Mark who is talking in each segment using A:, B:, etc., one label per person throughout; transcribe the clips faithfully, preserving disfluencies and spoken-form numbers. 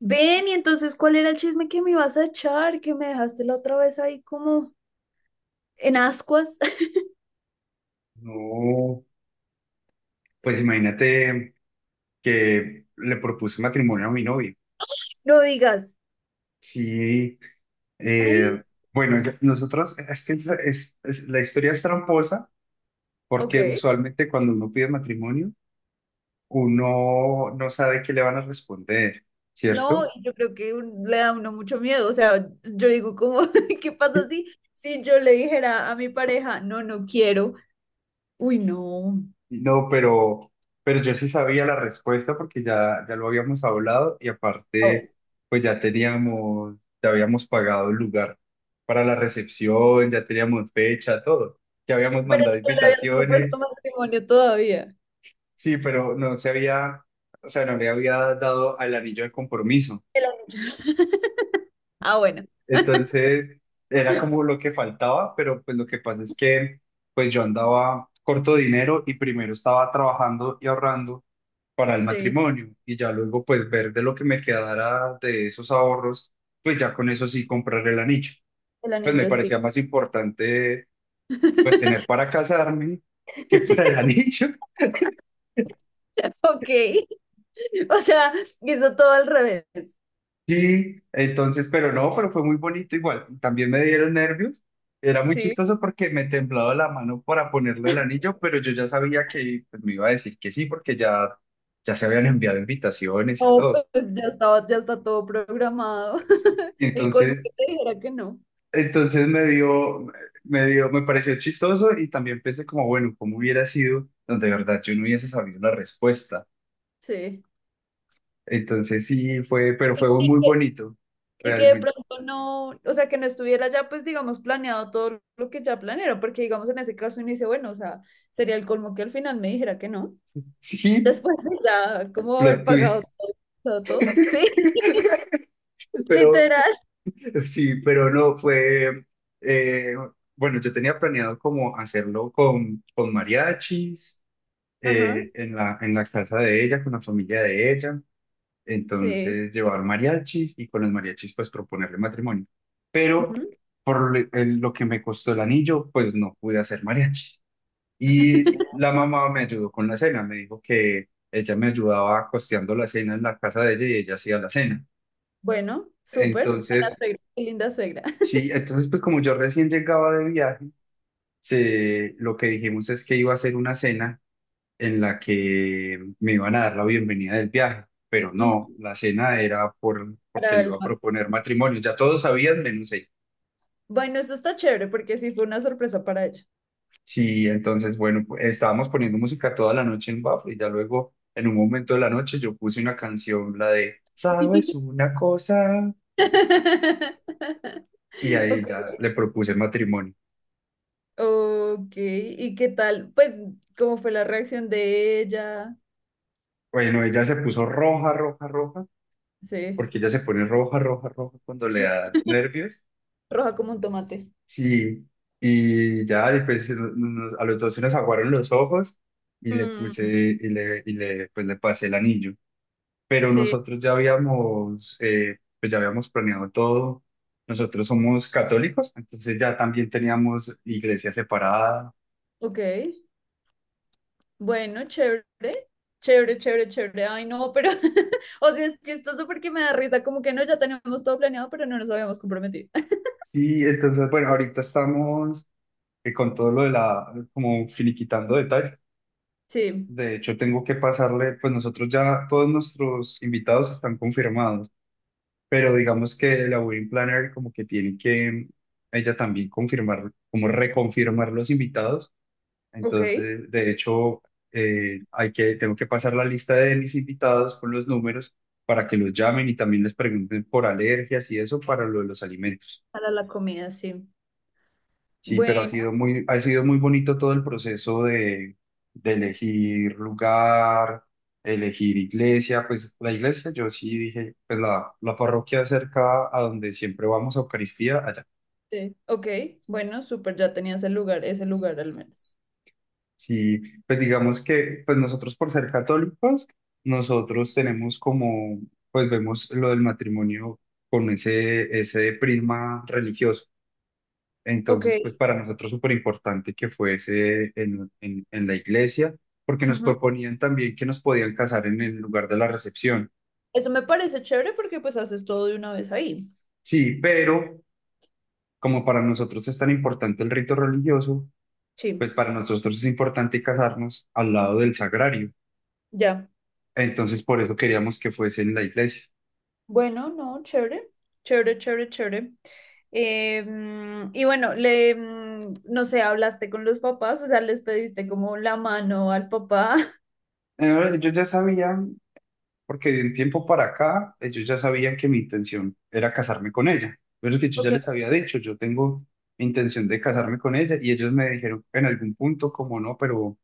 A: Ven, y entonces, ¿cuál era el chisme que me ibas a echar? Que me dejaste la otra vez ahí como en ascuas.
B: No, pues imagínate que le propuse matrimonio a mi novio.
A: No digas,
B: Sí, eh,
A: ay,
B: bueno, ya- nosotros, es que es- es- es- la historia es tramposa
A: ok.
B: porque usualmente cuando uno pide matrimonio, uno no sabe qué le van a responder,
A: No,
B: ¿cierto?
A: y yo creo que un- le da a uno mucho miedo. O sea, yo digo, como, ¿qué pasa si, si yo le dijera a mi pareja, no, no quiero? Uy, no.
B: No, pero, pero yo sí sabía la respuesta porque ya, ya lo habíamos hablado y
A: Ah, bueno.
B: aparte, pues ya teníamos, ya habíamos pagado el lugar para la recepción, ya teníamos fecha, todo. Ya habíamos
A: Pero
B: mandado
A: no le habías propuesto
B: invitaciones,
A: matrimonio todavía.
B: sí, pero no se había, o sea, no le había dado al anillo de compromiso.
A: El anillo. Ah, bueno,
B: Entonces, era como lo que faltaba, pero pues lo que pasa es que, pues yo andaba corto de dinero y primero estaba trabajando y ahorrando para el
A: sí,
B: matrimonio y ya luego pues ver de lo que me quedara de esos ahorros, pues ya con eso sí comprar el anillo.
A: el
B: Pues me
A: anillo, sí.
B: parecía más importante pues tener para casarme que para el anillo.
A: Ok. O sea, hizo todo al revés.
B: Sí, entonces, pero no, pero fue muy bonito igual. También me dieron nervios. Era muy
A: Sí.
B: chistoso porque me temblaba la mano para ponerle el anillo, pero yo ya sabía que pues, me iba a decir que sí porque ya, ya se habían enviado invitaciones y
A: No,
B: todo.
A: pues ya estaba, ya está todo programado. El colmo
B: Entonces,
A: que te dijera que no.
B: Entonces me dio, me dio, me pareció chistoso y también pensé como, bueno, ¿cómo hubiera sido donde de verdad yo no hubiese sabido la respuesta?
A: Sí.
B: Entonces sí fue, pero
A: Y,
B: fue
A: y
B: muy
A: que,
B: bonito,
A: y que de
B: realmente.
A: pronto no, o sea, que no estuviera ya, pues, digamos, planeado todo lo que ya planearon, porque, digamos, en ese caso uno dice, bueno, o sea, sería el colmo que al final me dijera que no.
B: Sí,
A: Después de ya, ¿cómo
B: plot
A: haber pagado
B: twist,
A: todo? Todo, todo. Sí,
B: pero
A: literal.
B: sí, pero no fue, eh, bueno, yo tenía planeado como hacerlo con, con mariachis,
A: Ajá,
B: eh, en la, en la casa de ella, con la familia de ella.
A: sí.
B: Entonces, llevar mariachis y con los mariachis, pues proponerle matrimonio. Pero
A: Ujú.
B: por le- el- lo que me costó el anillo, pues no pude hacer mariachis. Y la mamá me ayudó con la cena. Me dijo que ella me ayudaba costeando la cena en la casa de ella y ella hacía la cena.
A: Bueno, súper. Buena
B: Entonces,
A: suegra, qué linda suegra.
B: sí, entonces, pues como yo recién llegaba de viaje, se, lo que dijimos es que iba a hacer una cena en la que me iban a dar la bienvenida del viaje, pero no,
A: Ujú.
B: la cena era por, porque
A: Para
B: le
A: el
B: iba a proponer matrimonio, ya todos sabían menos ella.
A: Bueno, eso está chévere porque sí fue una sorpresa para ella.
B: Sí, entonces, bueno, pu- estábamos poniendo música toda la noche en Bafo y ya luego, en un momento de la noche, yo puse una canción, la de, ¿sabes una cosa? Y ahí
A: Ok,
B: ya le propuse matrimonio.
A: ok. ¿Y qué tal? Pues, ¿cómo fue la reacción de ella?
B: Bueno, ella se puso roja, roja, roja,
A: Sí,
B: porque ella se pone roja, roja, roja cuando le da nervios.
A: roja como un tomate.
B: Sí, y ya después se nos- nos- a los dos se nos aguaron los ojos y le puse
A: Mm,
B: y le, y le, pues le pasé el anillo. Pero
A: sí.
B: nosotros ya habíamos, eh, pues ya habíamos planeado todo. Nosotros somos católicos, entonces ya también teníamos iglesia separada.
A: Ok, bueno, chévere, chévere, chévere, chévere. Ay, no, pero, o sea, es chistoso porque me da risa, como que no, ya teníamos todo planeado, pero no nos habíamos comprometido.
B: Sí, entonces, bueno, ahorita estamos eh, con todo lo de la, como finiquitando detalles.
A: Sí,
B: De hecho, tengo que pasarle, pues nosotros ya, todos nuestros invitados están confirmados, pero digamos que la wedding planner como que tiene que ella también confirmar, como reconfirmar los invitados.
A: ok,
B: Entonces, de hecho, eh, hay que, tengo que pasar la lista de mis invitados con los números para que los llamen y también les pregunten por alergias y eso para lo de los alimentos.
A: para la comida, sí.
B: Sí, pero ha
A: Bueno.
B: sido muy, ha sido muy bonito todo el proceso de, de elegir lugar, elegir iglesia. Pues la iglesia, yo sí dije, pues la, la parroquia cerca a donde siempre vamos a Eucaristía, allá.
A: Sí. Ok, bueno, súper, ya tenías el lugar, ese lugar al menos.
B: Sí, pues digamos que pues nosotros por ser católicos, nosotros tenemos como, pues vemos lo del matrimonio con ese, ese prisma religioso.
A: Ok,
B: Entonces, pues para nosotros súper importante que fuese en, en, en la iglesia, porque nos
A: ujú.
B: proponían también que nos podían casar en el lugar de la recepción.
A: Eso me parece chévere porque pues haces todo de una vez ahí.
B: Sí, pero como para nosotros es tan importante el rito religioso,
A: Sí,
B: pues para nosotros es importante casarnos al lado del sagrario.
A: ya.
B: Entonces, por eso queríamos que fuese en la iglesia.
A: Bueno, no, chévere, chévere, chévere, chévere. Eh, mm, y bueno, le, mm, no sé, hablaste con los papás, o sea, les pediste como la mano al papá.
B: Eh, Yo ya sabía porque de un tiempo para acá ellos ya sabían que mi intención era casarme con ella. Pero es que yo ya
A: Ok,
B: les había dicho, yo tengo intención de casarme con ella, y ellos me dijeron en algún punto como no, pero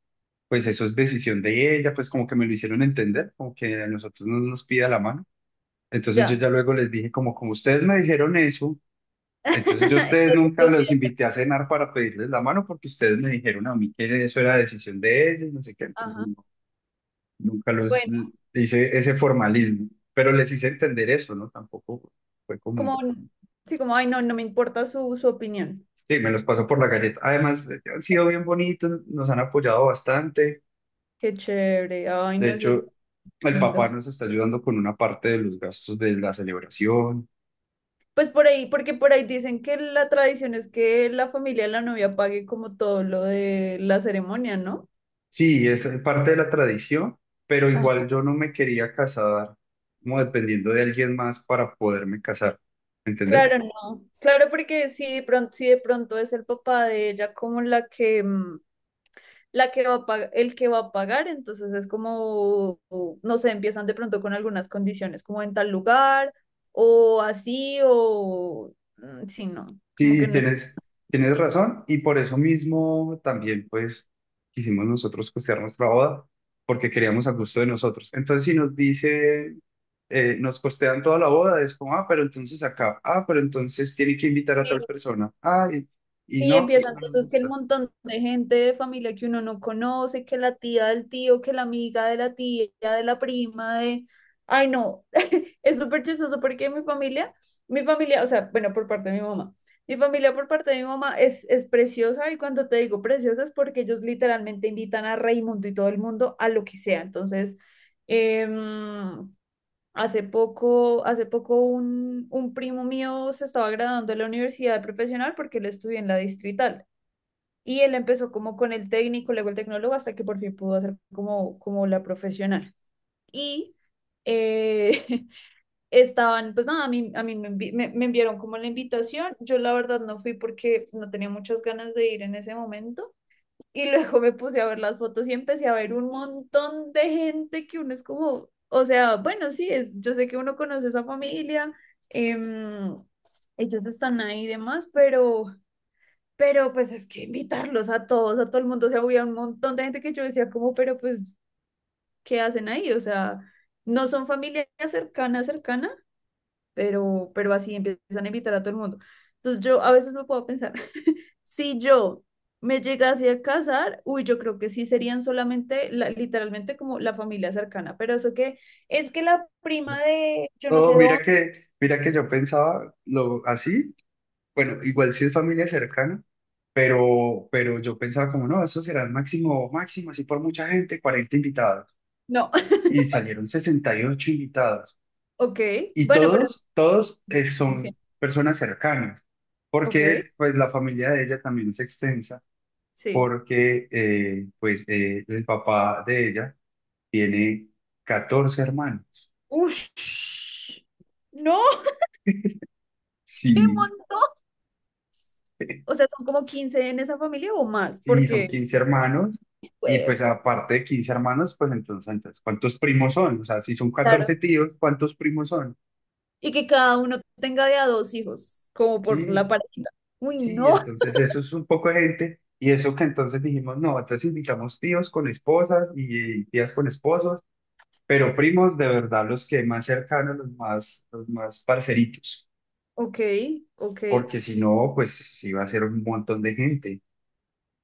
B: pues eso es decisión de ella, pues como que me lo hicieron entender, como que a nosotros no nos pida la mano. Entonces yo
A: ya.
B: ya luego les dije como como ustedes me dijeron eso, entonces yo a
A: Entonces
B: ustedes nunca
A: lo voy
B: los
A: a hacer.
B: invité a cenar para pedirles la mano porque ustedes me dijeron a mí que eso era decisión de ellos, no sé qué. Entonces,
A: Ajá.
B: Nunca los
A: Bueno,
B: hice ese formalismo, pero les hice entender eso, ¿no? Tampoco fue
A: como,
B: como,
A: sí, como, ay, no, no me importa su, su opinión.
B: sí, me los pasó por la galleta. Además, eh, han sido bien bonitos, nos han apoyado bastante.
A: Qué chévere, ay,
B: De
A: no, eso es
B: hecho, el papá
A: lindo.
B: nos está ayudando con una parte de los gastos de la celebración.
A: Pues por ahí, porque por ahí dicen que la tradición es que la familia de la novia pague como todo lo de la ceremonia, ¿no?
B: Sí, es parte de la tradición, pero
A: Ajá.
B: igual yo no me quería casar como dependiendo de alguien más para poderme casar, ¿entendés?
A: Claro, no. Claro, porque si de pronto, si de pronto, es el papá de ella como la que, mm, la que va a pag- el que va a pagar, entonces es como, no sé, empiezan de pronto con algunas condiciones, como en tal lugar, o así, o mm, sí, no, como
B: Sí,
A: que no
B: tienes, tienes razón y por eso mismo también pues quisimos nosotros costear nuestra boda porque queríamos a gusto de nosotros. Entonces si nos dice, eh, nos costean toda la boda, es como, ah, pero entonces acá, ah, pero entonces tienen que invitar a tal
A: es.
B: persona, ah, y, y
A: Y
B: no,
A: empieza
B: eso no nos
A: entonces que el
B: gusta.
A: montón de gente de familia que uno no conoce, que la tía del tío, que la amiga de la tía, de la prima, de... Ay, no, es súper chistoso porque mi familia, mi familia, o sea, bueno, por parte de mi mamá, mi familia por parte de mi mamá es, es preciosa, y cuando te digo preciosa es porque ellos literalmente invitan a Raimundo y todo el mundo a lo que sea. Entonces, em, hace poco, hace poco un, un primo mío se estaba graduando de la universidad profesional porque él estudió en la Distrital. Y él empezó como con el técnico, luego el tecnólogo, hasta que por fin pudo hacer como, como la profesional. Y eh, estaban, pues nada, a mí, a mí me, envi- me- me enviaron como la invitación. Yo la verdad no fui porque no tenía muchas ganas de ir en ese momento. Y luego me puse a ver las fotos y empecé a ver un montón de gente que uno es como, o sea, bueno, sí, es, yo sé que uno conoce esa familia, em, ellos están ahí y demás, pero pero pues es que invitarlos a todos, a todo el mundo, o sea, había un montón de gente que yo decía como, pero pues, ¿qué hacen ahí? O sea, no son familia cercana, cercana, pero, pero así empiezan a invitar a todo el mundo. Entonces yo a veces me puedo pensar, si yo me llegase a casar, uy, yo creo que sí serían solamente, la- literalmente como la familia cercana, pero eso que es que la prima de yo no
B: No,
A: sé
B: mira
A: dónde,
B: que, mira que yo pensaba lo así, bueno, igual si es familia cercana, pero, pero yo pensaba como, no, eso será máximo, máximo, así por mucha gente, cuarenta invitados.
A: no.
B: Y salieron sesenta y ocho invitados.
A: Ok,
B: Y
A: bueno, pero,
B: todos, todos eh, son personas cercanas,
A: ok,
B: porque pues la familia de ella también es extensa,
A: sí.
B: porque eh, pues eh, el papá de ella tiene catorce hermanos.
A: Ush. No, ¡qué
B: Sí,
A: montón! O sea, son como quince en esa familia o más,
B: sí, son
A: porque,
B: quince hermanos. Y pues
A: fue
B: aparte de quince hermanos, pues entonces, entonces, ¿cuántos primos son? O sea, si son
A: claro,
B: catorce tíos, ¿cuántos primos son?
A: y que cada uno tenga de a dos hijos, como por
B: Sí,
A: la parejita. Uy,
B: Sí,
A: no,
B: entonces eso es un poco de gente y eso que entonces dijimos, no, entonces invitamos tíos con esposas y tías con esposos, pero primos de verdad los que más cercanos, los más, los más parceritos,
A: ok, ok.
B: porque si no, pues sí va a ser un montón de gente.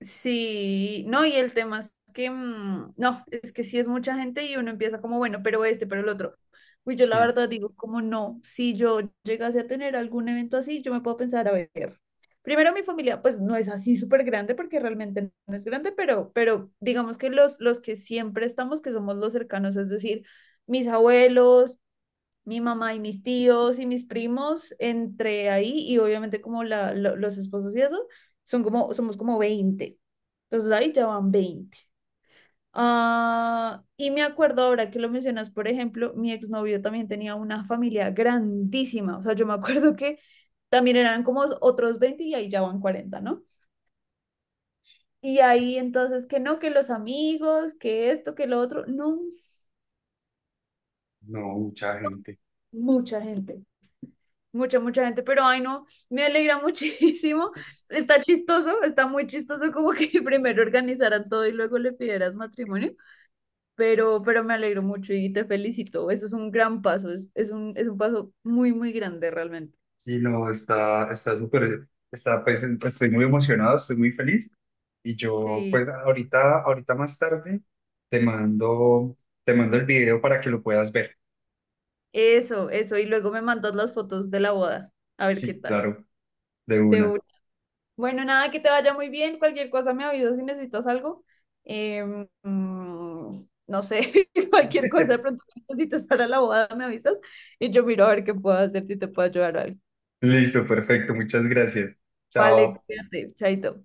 A: Sí, no, y el tema es que, mm, no, es que sí es mucha gente y uno empieza como, bueno, pero este, pero el otro. Pues yo la
B: Sí,
A: verdad digo, como no, si yo llegase a tener algún evento así, yo me puedo pensar, a ver, primero mi familia, pues no es así súper grande porque realmente no es grande, pero, pero digamos que los, los que siempre estamos, que somos los cercanos, es decir, mis abuelos, mi mamá y mis tíos y mis primos, entre ahí, y obviamente como la, lo- los esposos y eso, son como, somos como veinte. Entonces ahí ya van veinte. Ah, y me acuerdo ahora que lo mencionas, por ejemplo, mi exnovio también tenía una familia grandísima. O sea, yo me acuerdo que también eran como otros veinte y ahí ya van cuarenta, ¿no? Y ahí entonces que no, que los amigos, que esto, que lo otro, no,
B: no, mucha gente.
A: mucha gente. Mucha, mucha gente, pero ay no, me alegra muchísimo. Está chistoso, está muy chistoso como que primero organizaran todo y luego le pidieras matrimonio, pero, pero me alegro mucho y te felicito. Eso es un gran paso, es, es un, es un paso muy, muy grande realmente.
B: Sí, no, está, está súper, está, pues en- estoy muy emocionado, estoy muy feliz y yo
A: Sí,
B: pues ahorita, ahorita más tarde te mando, te mando el video para que lo puedas ver.
A: eso, eso. Y luego me mandas las fotos de la boda, a ver qué
B: Sí,
A: tal.
B: claro. De
A: De
B: una.
A: una. Bueno, nada, que te vaya muy bien. Cualquier cosa me avisas si necesitas algo. Em, mm, no sé, cualquier cosa de pronto que necesites para la boda me avisas y yo miro a ver qué puedo hacer si te puedo ayudar o algo.
B: Listo, perfecto. Muchas gracias.
A: Vale,
B: Chao.
A: cuídate, chaito.